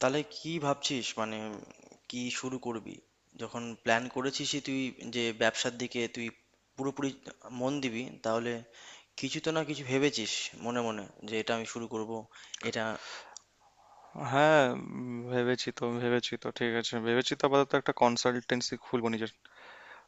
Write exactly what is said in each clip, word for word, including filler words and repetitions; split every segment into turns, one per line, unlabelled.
তাহলে কি ভাবছিস? মানে কি শুরু করবি? যখন প্ল্যান করেছিসই তুই যে ব্যবসার দিকে তুই পুরোপুরি মন দিবি, তাহলে কিছু তো না কিছু ভেবেছিস মনে মনে যে এটা আমি শুরু করব, এটা।
হ্যাঁ, উম, ভেবেছি তো ভেবেছি তো ঠিক আছে, ভেবেছি তো। আপাতত একটা কনসালটেন্সি খুলবো নিজের।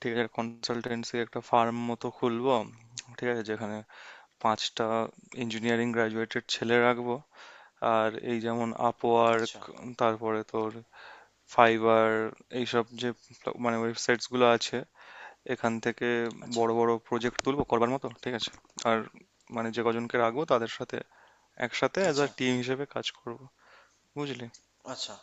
ঠিক আছে, কনসালটেন্সি একটা ফার্ম মতো খুলবো। ঠিক আছে, যেখানে পাঁচটা ইঞ্জিনিয়ারিং গ্রাজুয়েটেড ছেলে রাখবো। আর এই যেমন আপওয়ার্ক,
আচ্ছা।
তারপরে তোর ফাইবার, এইসব যে প্ল- মানে ওয়েবসাইটস গুলো আছে, এখান থেকে
আচ্ছা।
বড় বড় প্রজেক্ট তুলবো করবার মতো, ঠিক আছে। আর মানে যে কজনকে রাখবো তাদের সাথে একসাথে অ্যাজ আ
আচ্ছা।
টিম হিসেবে কাজ করব, বুঝলি?
আচ্ছা।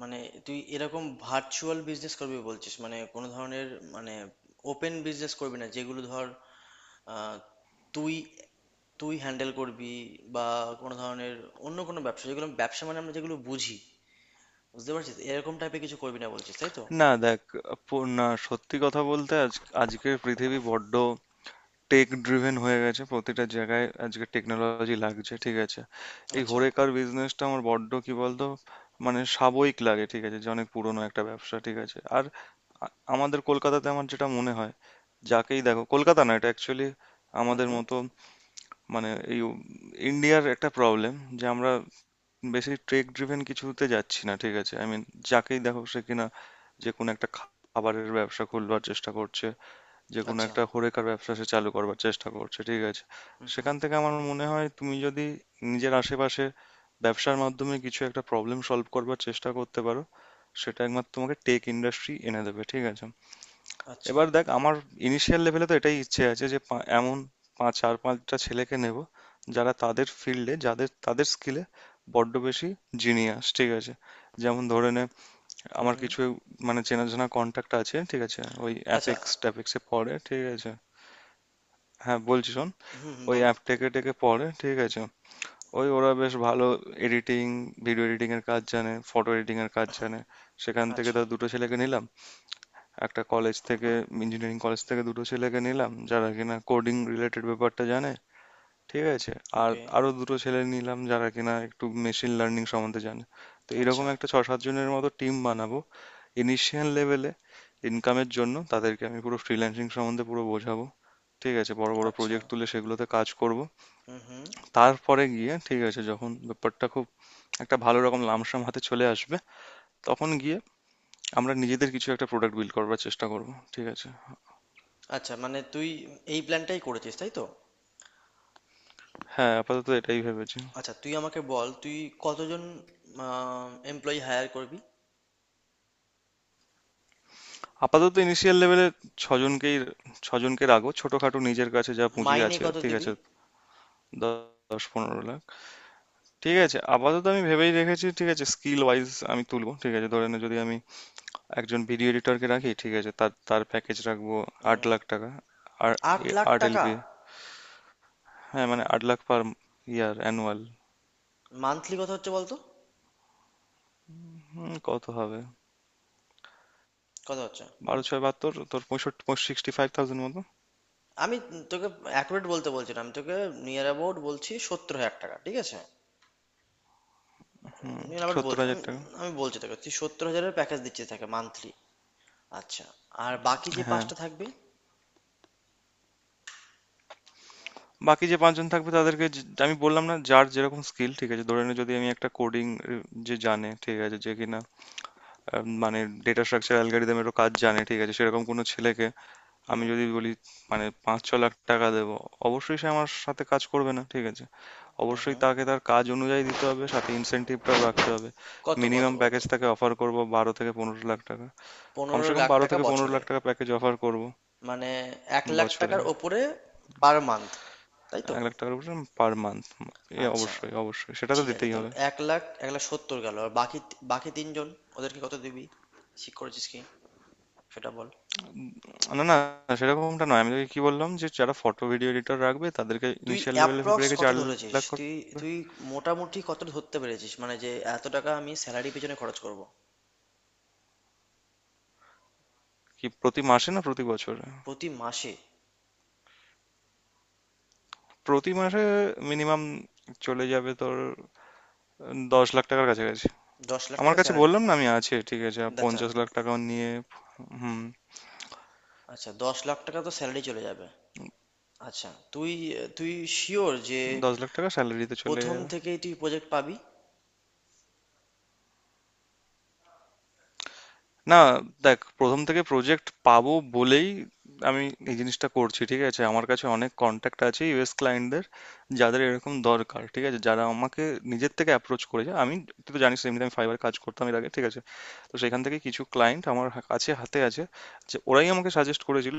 মানে তুই এরকম ভার্চুয়াল বিজনেস করবি বলছিস, মানে কোনো ধরনের মানে ওপেন বিজনেস করবি না যেগুলো ধর, আহ, তুই তুই হ্যান্ডেল করবি, বা কোনো ধরনের অন্য কোনো ব্যবসা যেগুলো ব্যবসা মানে আমরা যেগুলো বুঝি, বুঝতে পারছিস, এরকম টাইপের কিছু করবি না বলছিস তাই তো?
না দেখ, পো- না সত্যি কথা বলতে আজ আজকের পৃথিবী বড্ড টেক ড্রিভেন হয়ে গেছে। প্রতিটা জায়গায় আজকে টেকনোলজি লাগছে, ঠিক আছে। এই
আচ্ছা।
হরেকার বিজনেসটা আমার বড্ড কি বলতো, মানে সাবয়িক লাগে, ঠিক আছে। যে অনেক পুরনো একটা ব্যবসা, ঠিক আছে। আর আ- আমাদের কলকাতাতে আমার যেটা মনে হয়, যাকেই দেখো, কলকাতা না, এটা অ্যাকচুয়ালি
হুম,
আমাদের
হুম।
মতো মানে এই ইন্ডিয়ার একটা প্রবলেম, যে আমরা বেশি ট্রেক ড্রিভেন কিছুতে যাচ্ছি না, ঠিক আছে। আই মিন যাকেই দেখো সে কিনা যে কোনো একটা খা- খাবারের ব্যবসা খুলবার চেষ্টা করছে, যে কোনো
আচ্ছা।
একটা হরেকার ব্যবসা সে চালু করবার চেষ্টা করছে, ঠিক আছে।
হুম, হুম।
সেখান থেকে আমার মনে হয় তুমি যদি নিজের আশেপাশে ব্যবসার মাধ্যমে কিছু একটা প্রবলেম সলভ করবার চেষ্টা করতে পারো, সেটা একমাত্র তোমাকে টেক ইন্ডাস্ট্রি এনে দেবে, ঠিক আছে।
আচ্ছা।
এবার দেখ আমার ইনিশিয়াল লেভেলে তো এটাই ইচ্ছে আছে, যে পা- এমন পাঁচ চার পাঁচটা ছেলেকে নেব, যারা তাদের ফিল্ডে যাদের তাদের স্কিলে বড্ড বেশি জিনিয়াস, ঠিক আছে। যেমন ধরে নে
হুম,
আমার
হুম।
কিছু মানে চেনাজানা কন্ট্যাক্ট আছে, ঠিক আছে, ওই
আচ্ছা।
অ্যাপেক্স ট্যাপেক্সে পড়ে, ঠিক আছে। হ্যাঁ বলছি শোন,
হুম, হুম,
ওই
বল।
অ্যাপ টেকে টেকে পড়ে, ঠিক আছে। ওই ওরা বেশ ভালো এডিটিং, ভিডিও এডিটিং এর কাজ জানে, ফটো এডিটিং এর কাজ জানে। সেখান থেকে
আচ্ছা।
তার দুটো ছেলেকে নিলাম, একটা কলেজ থেকে, ইঞ্জিনিয়ারিং কলেজ থেকে দুটো ছেলেকে নিলাম যারা কিনা কোডিং রিলেটেড ব্যাপারটা জানে, ঠিক আছে। আর
ওকে।
আরো দুটো ছেলে নিলাম যারা কিনা একটু মেশিন লার্নিং সম্বন্ধে জানে। তো এরকম
আচ্ছা।
একটা ছ সাত জনের মতো টিম বানাবো ইনিশিয়াল লেভেলে। ইনকামের জন্য তাদেরকে আমি পুরো ফ্রিল্যান্সিং সম্বন্ধে পুরো বোঝাবো, ঠিক আছে। বড় বড়
আচ্ছা।
প্রজেক্ট তুলে সেগুলোতে কাজ করব।
হুম, হুম।
তারপরে গিয়ে, ঠিক আছে, যখন ব্যাপারটা খুব একটা ভালো রকম লামসাম হাতে চলে আসবে, তখন গিয়ে আমরা নিজেদের কিছু একটা প্রোডাক্ট বিল্ড করবার চেষ্টা করব, ঠিক আছে।
আচ্ছা, মানে তুই এই প্ল্যানটাই করেছিস তাই তো?
হ্যাঁ আপাতত এটাই ভেবেছি।
আচ্ছা, তুই আমাকে বল, তুই কতজন এমপ্লয়ি হায়ার করবি?
আপাতত ইনিশিয়াল লেভেলে ছজনকেই ছজনকে রাখবো ছোটখাটো, নিজের কাছে যা পুঁজি
মাইনে
আছে,
কত
ঠিক
দিবি?
আছে। দ- দশ পনেরো লাখ, ঠিক আছে, আপাতত আমি ভেবেই রেখেছি, ঠিক আছে। স্কিল ওয়াইজ আমি তুলবো, ঠিক আছে। ধরে নে যদি আমি একজন ভিডিও এডিটরকে রাখি, ঠিক আছে, তার তার প্যাকেজ রাখবো আট
উম,
লাখ টাকা আর
আট লাখ
আট
টাকা
এলপি হ্যাঁ মানে আট lakh per year, annual.
Monthly কত হচ্ছে বলতো?
কত হবে?
কত হচ্ছে? বল,
বারো ছয় বাহাত্তর, তোর পঁয়ষট্টি, সিক্সটি ফাইভ থাউজেন্ড মতো।
আমি তোকে অ্যাকুরেট বলতে বলছি না, আমি তোকে নিয়ার অ্যাবাউট বলছি, সত্তর হাজার টাকা, ঠিক আছে?
হুম,
নিন আবার
সত্তর
বলছি
হাজার
আমি।
টাকা
আমি বলছি তোকে, তুই সত্তর হাজারের প্যাকেজ দিচ্ছিস তাকে মান্থলি। আচ্ছা, আর বাকি যে
হ্যাঁ,
পাঁচটা থাকবে?
বাকি যে পাঁচ জন থাকবে তাদেরকে, যে আমি বললাম না, যার যেরকম স্কিল, ঠিক আছে। ধরে নে যদি আমি একটা কোডিং যে জানে, ঠিক আছে, যে কিনা আহ, মানে ডেটা স্ট্রাকচার অ্যালগরিদমেরও কাজ জানে, ঠিক আছে, সেরকম কোনো ছেলেকে আমি
হুম,
যদি বলি মানে পাঁচ ছ লাখ টাকা দেবো, অবশ্যই সে আমার সাথে কাজ করবে না, ঠিক আছে।
হুম,
অবশ্যই
হুম।
তাকে তার কাজ অনুযায়ী দিতে হবে, সাথে ইনসেনটিভটাও রাখতে হবে।
কত কত
মিনিমাম
কত?
প্যাকেজ তাকে অফার করব বারো থেকে পনেরো লাখ টাকা।
পনেরো
কমসে কম
লাখ
বারো
টাকা
থেকে পনেরো
বছরে?
লাখ টাকা প্যাকেজ অফার করব,
মানে এক লাখ
বছরে
টাকার ওপরে পার মান্থ, তাই তো?
এক লাখ টাকার উপরে, পার মান্থ। এ
আচ্ছা,
অবশ্যই অবশ্যই সেটা তো
ঠিক আছে,
দিতেই
তাহলে
হবে।
এক লাখ, এক লাখ সত্তর গেল, আর বাকি বাকি তিনজন ওদেরকে কত দিবি? ঠিক করেছিস কি? সেটা বল।
না না, সেরকমটা নয়। আমি তোকে কি বললাম, যে যারা ফটো ভিডিও এডিটর রাখবে তাদেরকে
তুই
ইনিশিয়াল লেভেলে ভেবে
অ্যাপ্রক্স
রেখে
কত
চার
ধরেছিস
লাখ করে-
তুই? তুই মোটামুটি কত ধরতে পেরেছিস, মানে যে এত টাকা আমি স্যালারি পেছনে খরচ করব?
কি প্রতি মাসে না প্রতি বছর?
প্রতি মাসে।
প্রতি মাসে মিনিমাম চলে যাবে তোর দশ লাখ টাকার কাছাকাছি।
দশ লাখ
আমার
টাকা
কাছে
স্যালারি?
বললাম না আমি আছে, ঠিক আছে, আর
আচ্ছা।
পঞ্চাশ লাখ টাকা নিয়ে। হুম,
আচ্ছা, দশ লাখ টাকা তো স্যালারি চলে যাবে। আচ্ছা, তুই তুই শিওর যে
দশ লাখ টাকা স্যালারিতে চলে
প্রথম
যাবে।
থেকেই তুই প্রজেক্ট পাবি?
না দেখ, প্রথম থেকে প্রজেক্ট পাবো বলেই আমি এই জিনিসটা করছি, ঠিক আছে? আমার কাছে অনেক কনট্যাক্ট আছে ইউএস ক্লায়েন্টদের, যাদের এরকম দরকার, ঠিক আছে? যারা আমাকে নিজের থেকে অ্যাপ্রোচ করেছে। আমি, তুই তো জানিস এমনিতে আমি ফাইবার কাজ করতাম এর আগে, ঠিক আছে? তো সেখান থেকে কিছু ক্লায়েন্ট আমার হা- কাছে হাতে আছে, যে ওরাই আমাকে সাজেস্ট করেছিল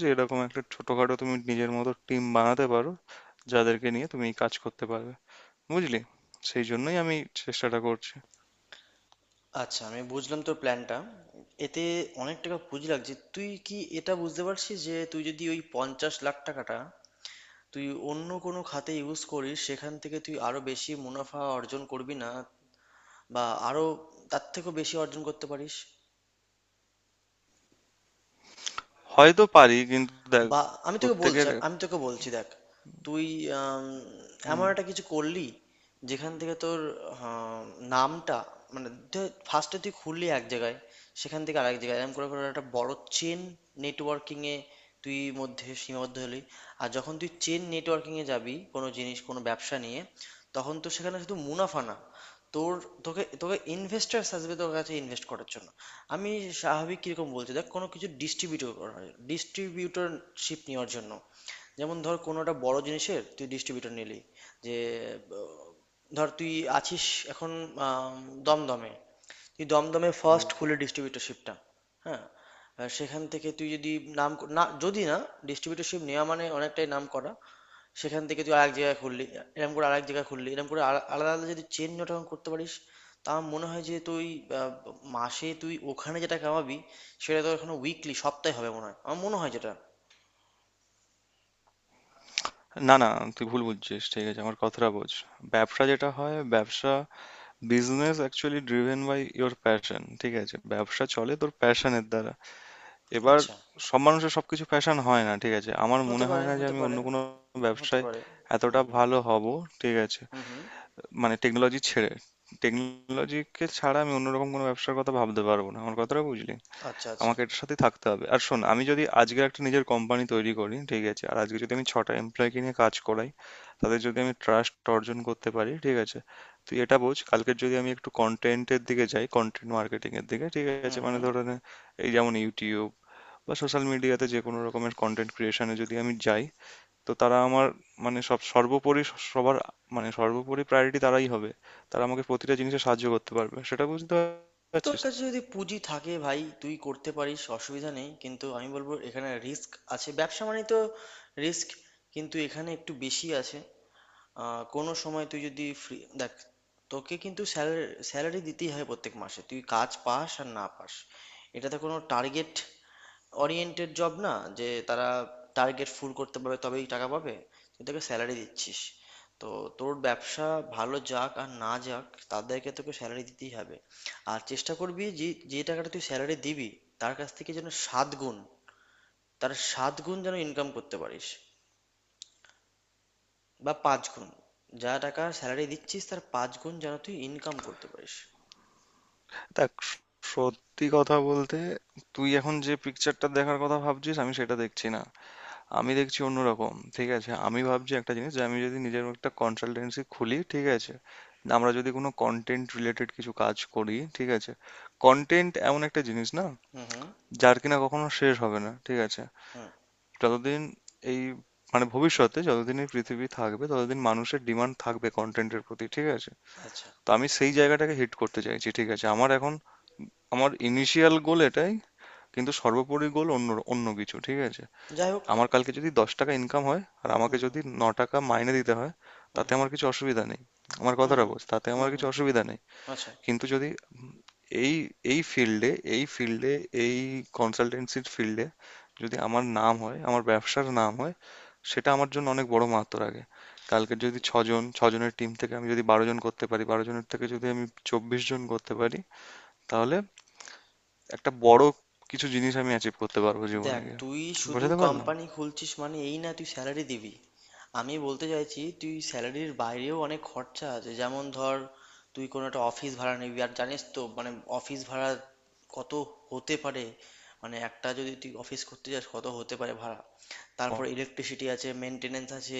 যে এরকম একটা ছোটখাটো তুমি নিজের মতো টিম বানাতে পারো, যাদেরকে নিয়ে তুমি এই কাজ করতে পারবে, বুঝলি? সেই জন্যই আমি চেষ্টাটা করছি।
আচ্ছা, আমি বুঝলাম তোর প্ল্যানটা। এতে অনেক টাকা পুঁজি লাগছে, তুই কি এটা বুঝতে পারছিস যে তুই যদি ওই পঞ্চাশ লাখ টাকাটা তুই অন্য কোনো খাতে ইউজ করিস, সেখান থেকে তুই আরো বেশি মুনাফা অর্জন করবি না, বা আরো তার থেকেও বেশি অর্জন করতে পারিস?
হয়তো পারি, কিন্তু দেখ
বা আমি তোকে বলছি,
প্রত্যেকের,
আমি তোকে বলছি, দেখ, তুই আম, এমন
হুম,
একটা কিছু করলি যেখান থেকে তোর আহ, নামটা মানে ফার্স্টে তুই খুললি এক জায়গায়, সেখান থেকে আরেক জায়গায়, এরকম করে করে একটা বড় চেন নেটওয়ার্কিং এ তুই মধ্যে সীমাবদ্ধ হলি। আর যখন তুই চেন নেটওয়ার্কিং এ যাবি কোনো জিনিস, কোনো ব্যবসা নিয়ে, তখন তো সেখানে শুধু মুনাফা না, তোর তোকে তোকে ইনভেস্টার্স আসবে তোর কাছে ইনভেস্ট করার জন্য। আমি স্বাভাবিক কীরকম বলছি দেখ, কোনো কিছু ডিস্ট্রিবিউটর করা হয় ডিস্ট্রিবিউটরশিপ নেওয়ার জন্য, যেমন ধর কোনো একটা বড় জিনিসের তুই ডিস্ট্রিবিউটর নিলি, যে আহ, ধর তুই আছিস এখন আম, দমদমে, তুই দমদমে ফার্স্ট খুলে ডিস্ট্রিবিউটরশিপটা, হ্যাঁ, আর সেখান থেকে তুই যদি নাম ক- না, যদি না ডিস্ট্রিবিউটরশিপ নেওয়া মানে অনেকটাই নাম করা, সেখান থেকে তুই আরেক জায়গায় খুললি, এরকম করে আরেক জায়গায় খুললি, এরকম করে আলা- আলাদা আলাদা যদি চেন যখন করতে পারিস, তা আমার মনে হয় যে তুই আহ, মাসে তুই ওখানে যেটা কামাবি সেটা তো এখনো উইকলি সপ্তাহে হবে মনে হয়, আমার মনে হয় যেটা।
না, না, তুই ভুল বুঝছিস। ঠিক আছে, আমার কথাটা বোঝ। ব্যবসা যেটা হয়, ব্যবসা business actually driven by your passion. ঠিক আছে, ব্যবসা চলে তোর প্যাশনের দ্বারা। এবার
আচ্ছা।
সব মানুষের সবকিছু প্যাশন হয় না। ঠিক আছে, আমার
হতে
মনে হয়
পারে,
না যে
হতে
আমি
পারে,
অন্য কোনো
হতে
ব্যবসায়
পারে। হুম,
এতটা
হুম।
ভালো হব। ঠিক আছে,
হুম, হুম।
মানে টেকনোলজি ছেড়ে, টেকনোলজিকে ছাড়া আমি অন্যরকম কোনো ব্যবসার কথা ভাবতে পারবো না। আমার কথাটা বুঝলি?
আচ্ছা। আচ্ছা।
আমাকে এটার সাথে থাকতে হবে। আর শোন, আমি যদি আজকে একটা নিজের কোম্পানি তৈরি করি, ঠিক আছে, আর আজকে যদি আমি ছটা এমপ্লয়কে নিয়ে কাজ করাই, তাদের যদি আমি ট্রাস্ট অর্জন করতে পারি, ঠিক আছে, তুই এটা বোঝ, কালকের যদি আমি একটু কন্টেন্টের দিকে যাই, কন্টেন্ট মার্কেটিং এর দিকে, ঠিক
হুম,
আছে, মানে
হুম।
ধরে নে, এই যেমন ইউটিউব বা সোশ্যাল মিডিয়াতে যে কোনো রকমের কন্টেন্ট ক্রিয়েশনে যদি আমি যাই, তো তারা আমার, মানে সব সর্বোপরি স- সবার, মানে সর্বোপরি প্রায়োরিটি তারাই হবে। তারা আমাকে প্রতিটা জিনিসে সাহায্য করতে পারবে, সেটা বুঝতে
তোর
পারছিস?
কাছে যদি পুঁজি থাকে ভাই, তুই করতে পারিস, অসুবিধা নেই, কিন্তু আমি বলবো এখানে রিস্ক আছে। ব্যবসা মানে তো রিস্ক, কিন্তু এখানে একটু বেশি আছে। আহ, কোনো সময় তুই যদি ফ্রি দেখ, তোকে কিন্তু স্যালারি স্যালারি দিতেই হয় প্রত্যেক মাসে, তুই কাজ পাস আর না পাস। এটাতে কোনো টার্গেট ওরিয়েন্টেড জব না যে তারা টার্গেট ফুল করতে পারবে তবেই টাকা পাবে। তুই তাকে স্যালারি দিচ্ছিস, তো তোর ব্যবসা ভালো যাক আর না যাক, তাদেরকে তোকে স্যালারি দিতেই হবে। আর চেষ্টা করবি যে যে টাকাটা তুই স্যালারি দিবি তার কাছ থেকে যেন সাত গুণ, তার সাত গুণ যেন ইনকাম করতে পারিস, বা পাঁচ গুণ, যা টাকা স্যালারি দিচ্ছিস তার পাঁচ গুণ যেন তুই ইনকাম করতে পারিস।
দেখ, স- সত্যি কথা বলতে তুই এখন যে পিকচারটা দেখার কথা ভাবছিস আমি সেটা দেখছি না। আমি দেখছি অন্যরকম, ঠিক আছে। আমি ভাবছি একটা জিনিস, যে আমি যদি নিজের একটা কনসালটেন্সি খুলি, ঠিক আছে, আমরা যদি কোনো কন্টেন্ট রিলেটেড কিছু কাজ করি, ঠিক আছে, কন্টেন্ট এমন একটা জিনিস না
হুম, হুম,
যার কিনা কখনো শেষ হবে না, ঠিক আছে।
হুম।
যতদিন এই মানে ভবিষ্যতে যতদিন এই পৃথিবী থাকবে ততদিন মানুষের ডিমান্ড থাকবে কন্টেন্টের প্রতি, ঠিক আছে।
আচ্ছা।
তো আমি সেই জায়গাটাকে হিট করতে চাইছি, ঠিক আছে। আমার এখন, আমার ইনিশিয়াল গোল এটাই, কিন্তু সর্বোপরি গোল অন্য অন্য কিছু, ঠিক আছে।
যাই হোক।
আমার কালকে যদি দশ টাকা ইনকাম হয় আর আমাকে যদি ন টাকা মাইনে দিতে হয়,
হুম,
তাতে
হুম,
আমার কিছু অসুবিধা নেই। আমার
হুম,
কথাটা
হুম,
বোঝ, তাতে আমার
হুম,
কিছু
হুম, হুম।
অসুবিধা নেই।
আচ্ছা।
কিন্তু যদি এই এই ফিল্ডে এই ফিল্ডে এই কনসালটেন্সির ফিল্ডে যদি আমার নাম হয়, আমার ব্যবসার নাম হয়, সেটা আমার জন্য অনেক বড় মাহাত্ম রাখে। কালকে যদি ছজন, ছজনের টিম থেকে আমি যদি বারো জন করতে পারি, বারো জনের থেকে যদি আমি চব্বিশ জন করতে পারি, তাহলে একটা বড় কিছু জিনিস আমি অ্যাচিভ করতে পারবো জীবনে
দেখ,
গিয়ে।
তুই শুধু
বুঝাতে পারলাম?
কোম্পানি খুলছিস মানে এই না তুই স্যালারি দিবি, আমি বলতে চাইছি তুই স্যালারির বাইরেও অনেক খরচা আছে, যেমন ধর তুই কোনো একটা অফিস ভাড়া নিবি, আর জানিস তো মানে অফিস ভাড়া কত হতে পারে? মানে একটা যদি তুই অফিস করতে যাস কত হতে পারে ভাড়া? তারপর ইলেকট্রিসিটি আছে, মেনটেনেন্স আছে,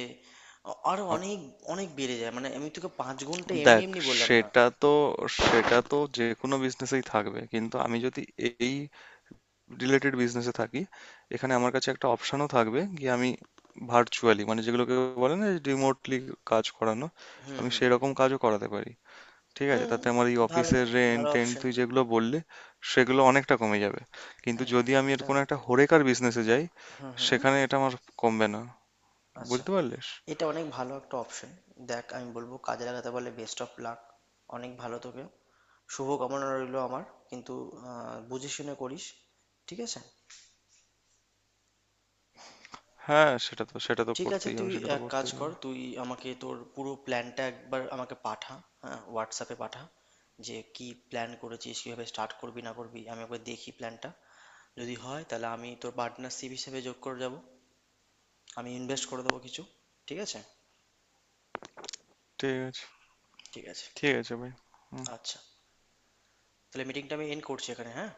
আ- আরো অনেক অনেক বেড়ে যায়, মানে আমি তোকে পাঁচ গুণটা এমনি
দেখ
এমনি বললাম না।
সেটা তো সেটা তো যে কোনো বিজনেসেই থাকবে, কিন্তু আমি যদি এই রিলেটেড বিজনেসে থাকি, এখানে আমার কাছে একটা অপশনও থাকবে, গিয়ে আমি ভার্চুয়ালি মানে যেগুলোকে বলে না রিমোটলি কাজ করানো,
হুম,
আমি
হুম,
সেরকম কাজও করাতে পারি, ঠিক আছে।
হুম।
তাতে আমার এই
ভালো,
অফিসের রেন্ট
ভালো
টেন্ট
অপশন।
তুই যেগুলো বললি, সেগুলো অনেকটা কমে যাবে। কিন্তু
হ্যাঁ,
যদি আমি এর
এটা।
কোনো একটা হরেকার বিজনেসে যাই,
হুম, হুম।
সেখানে এটা আমার কমবে না,
আচ্ছা,
বুঝতে পারলিস?
এটা অনেক ভালো একটা অপশন। দেখ, আমি বলবো কাজে লাগাতে পারলে বেস্ট অফ লাক। অনেক ভালো তোকে। শুভ কামনা রইলো আমার। কিন্তু আহ, বুঝে শুনে করিস, ঠিক আছে?
হ্যাঁ সেটা তো সেটা তো
ঠিক আছে,
করতেই হবে
তুই
সেটা তো
এক কাজ
করতেই
কর,
হবে
তুই আমাকে তোর পুরো প্ল্যানটা একবার আমাকে পাঠা, হ্যাঁ, হোয়াটসঅ্যাপে পাঠা, যে কি প্ল্যান করেছিস, কিভাবে স্টার্ট করবি না করবি, আমি একবার দেখি প্ল্যানটা, যদি হয় তাহলে আমি তোর পার্টনারশিপ হিসেবে যোগ করে যাব, আমি ইনভেস্ট করে দেবো কিছু, ঠিক আছে?
ঠিক আছে,
ঠিক আছে।
ঠিক আছে ভাই। হুম।
আচ্ছা। তাহলে মিটিংটা আমি এন্ড করছি এখানে, হ্যাঁ।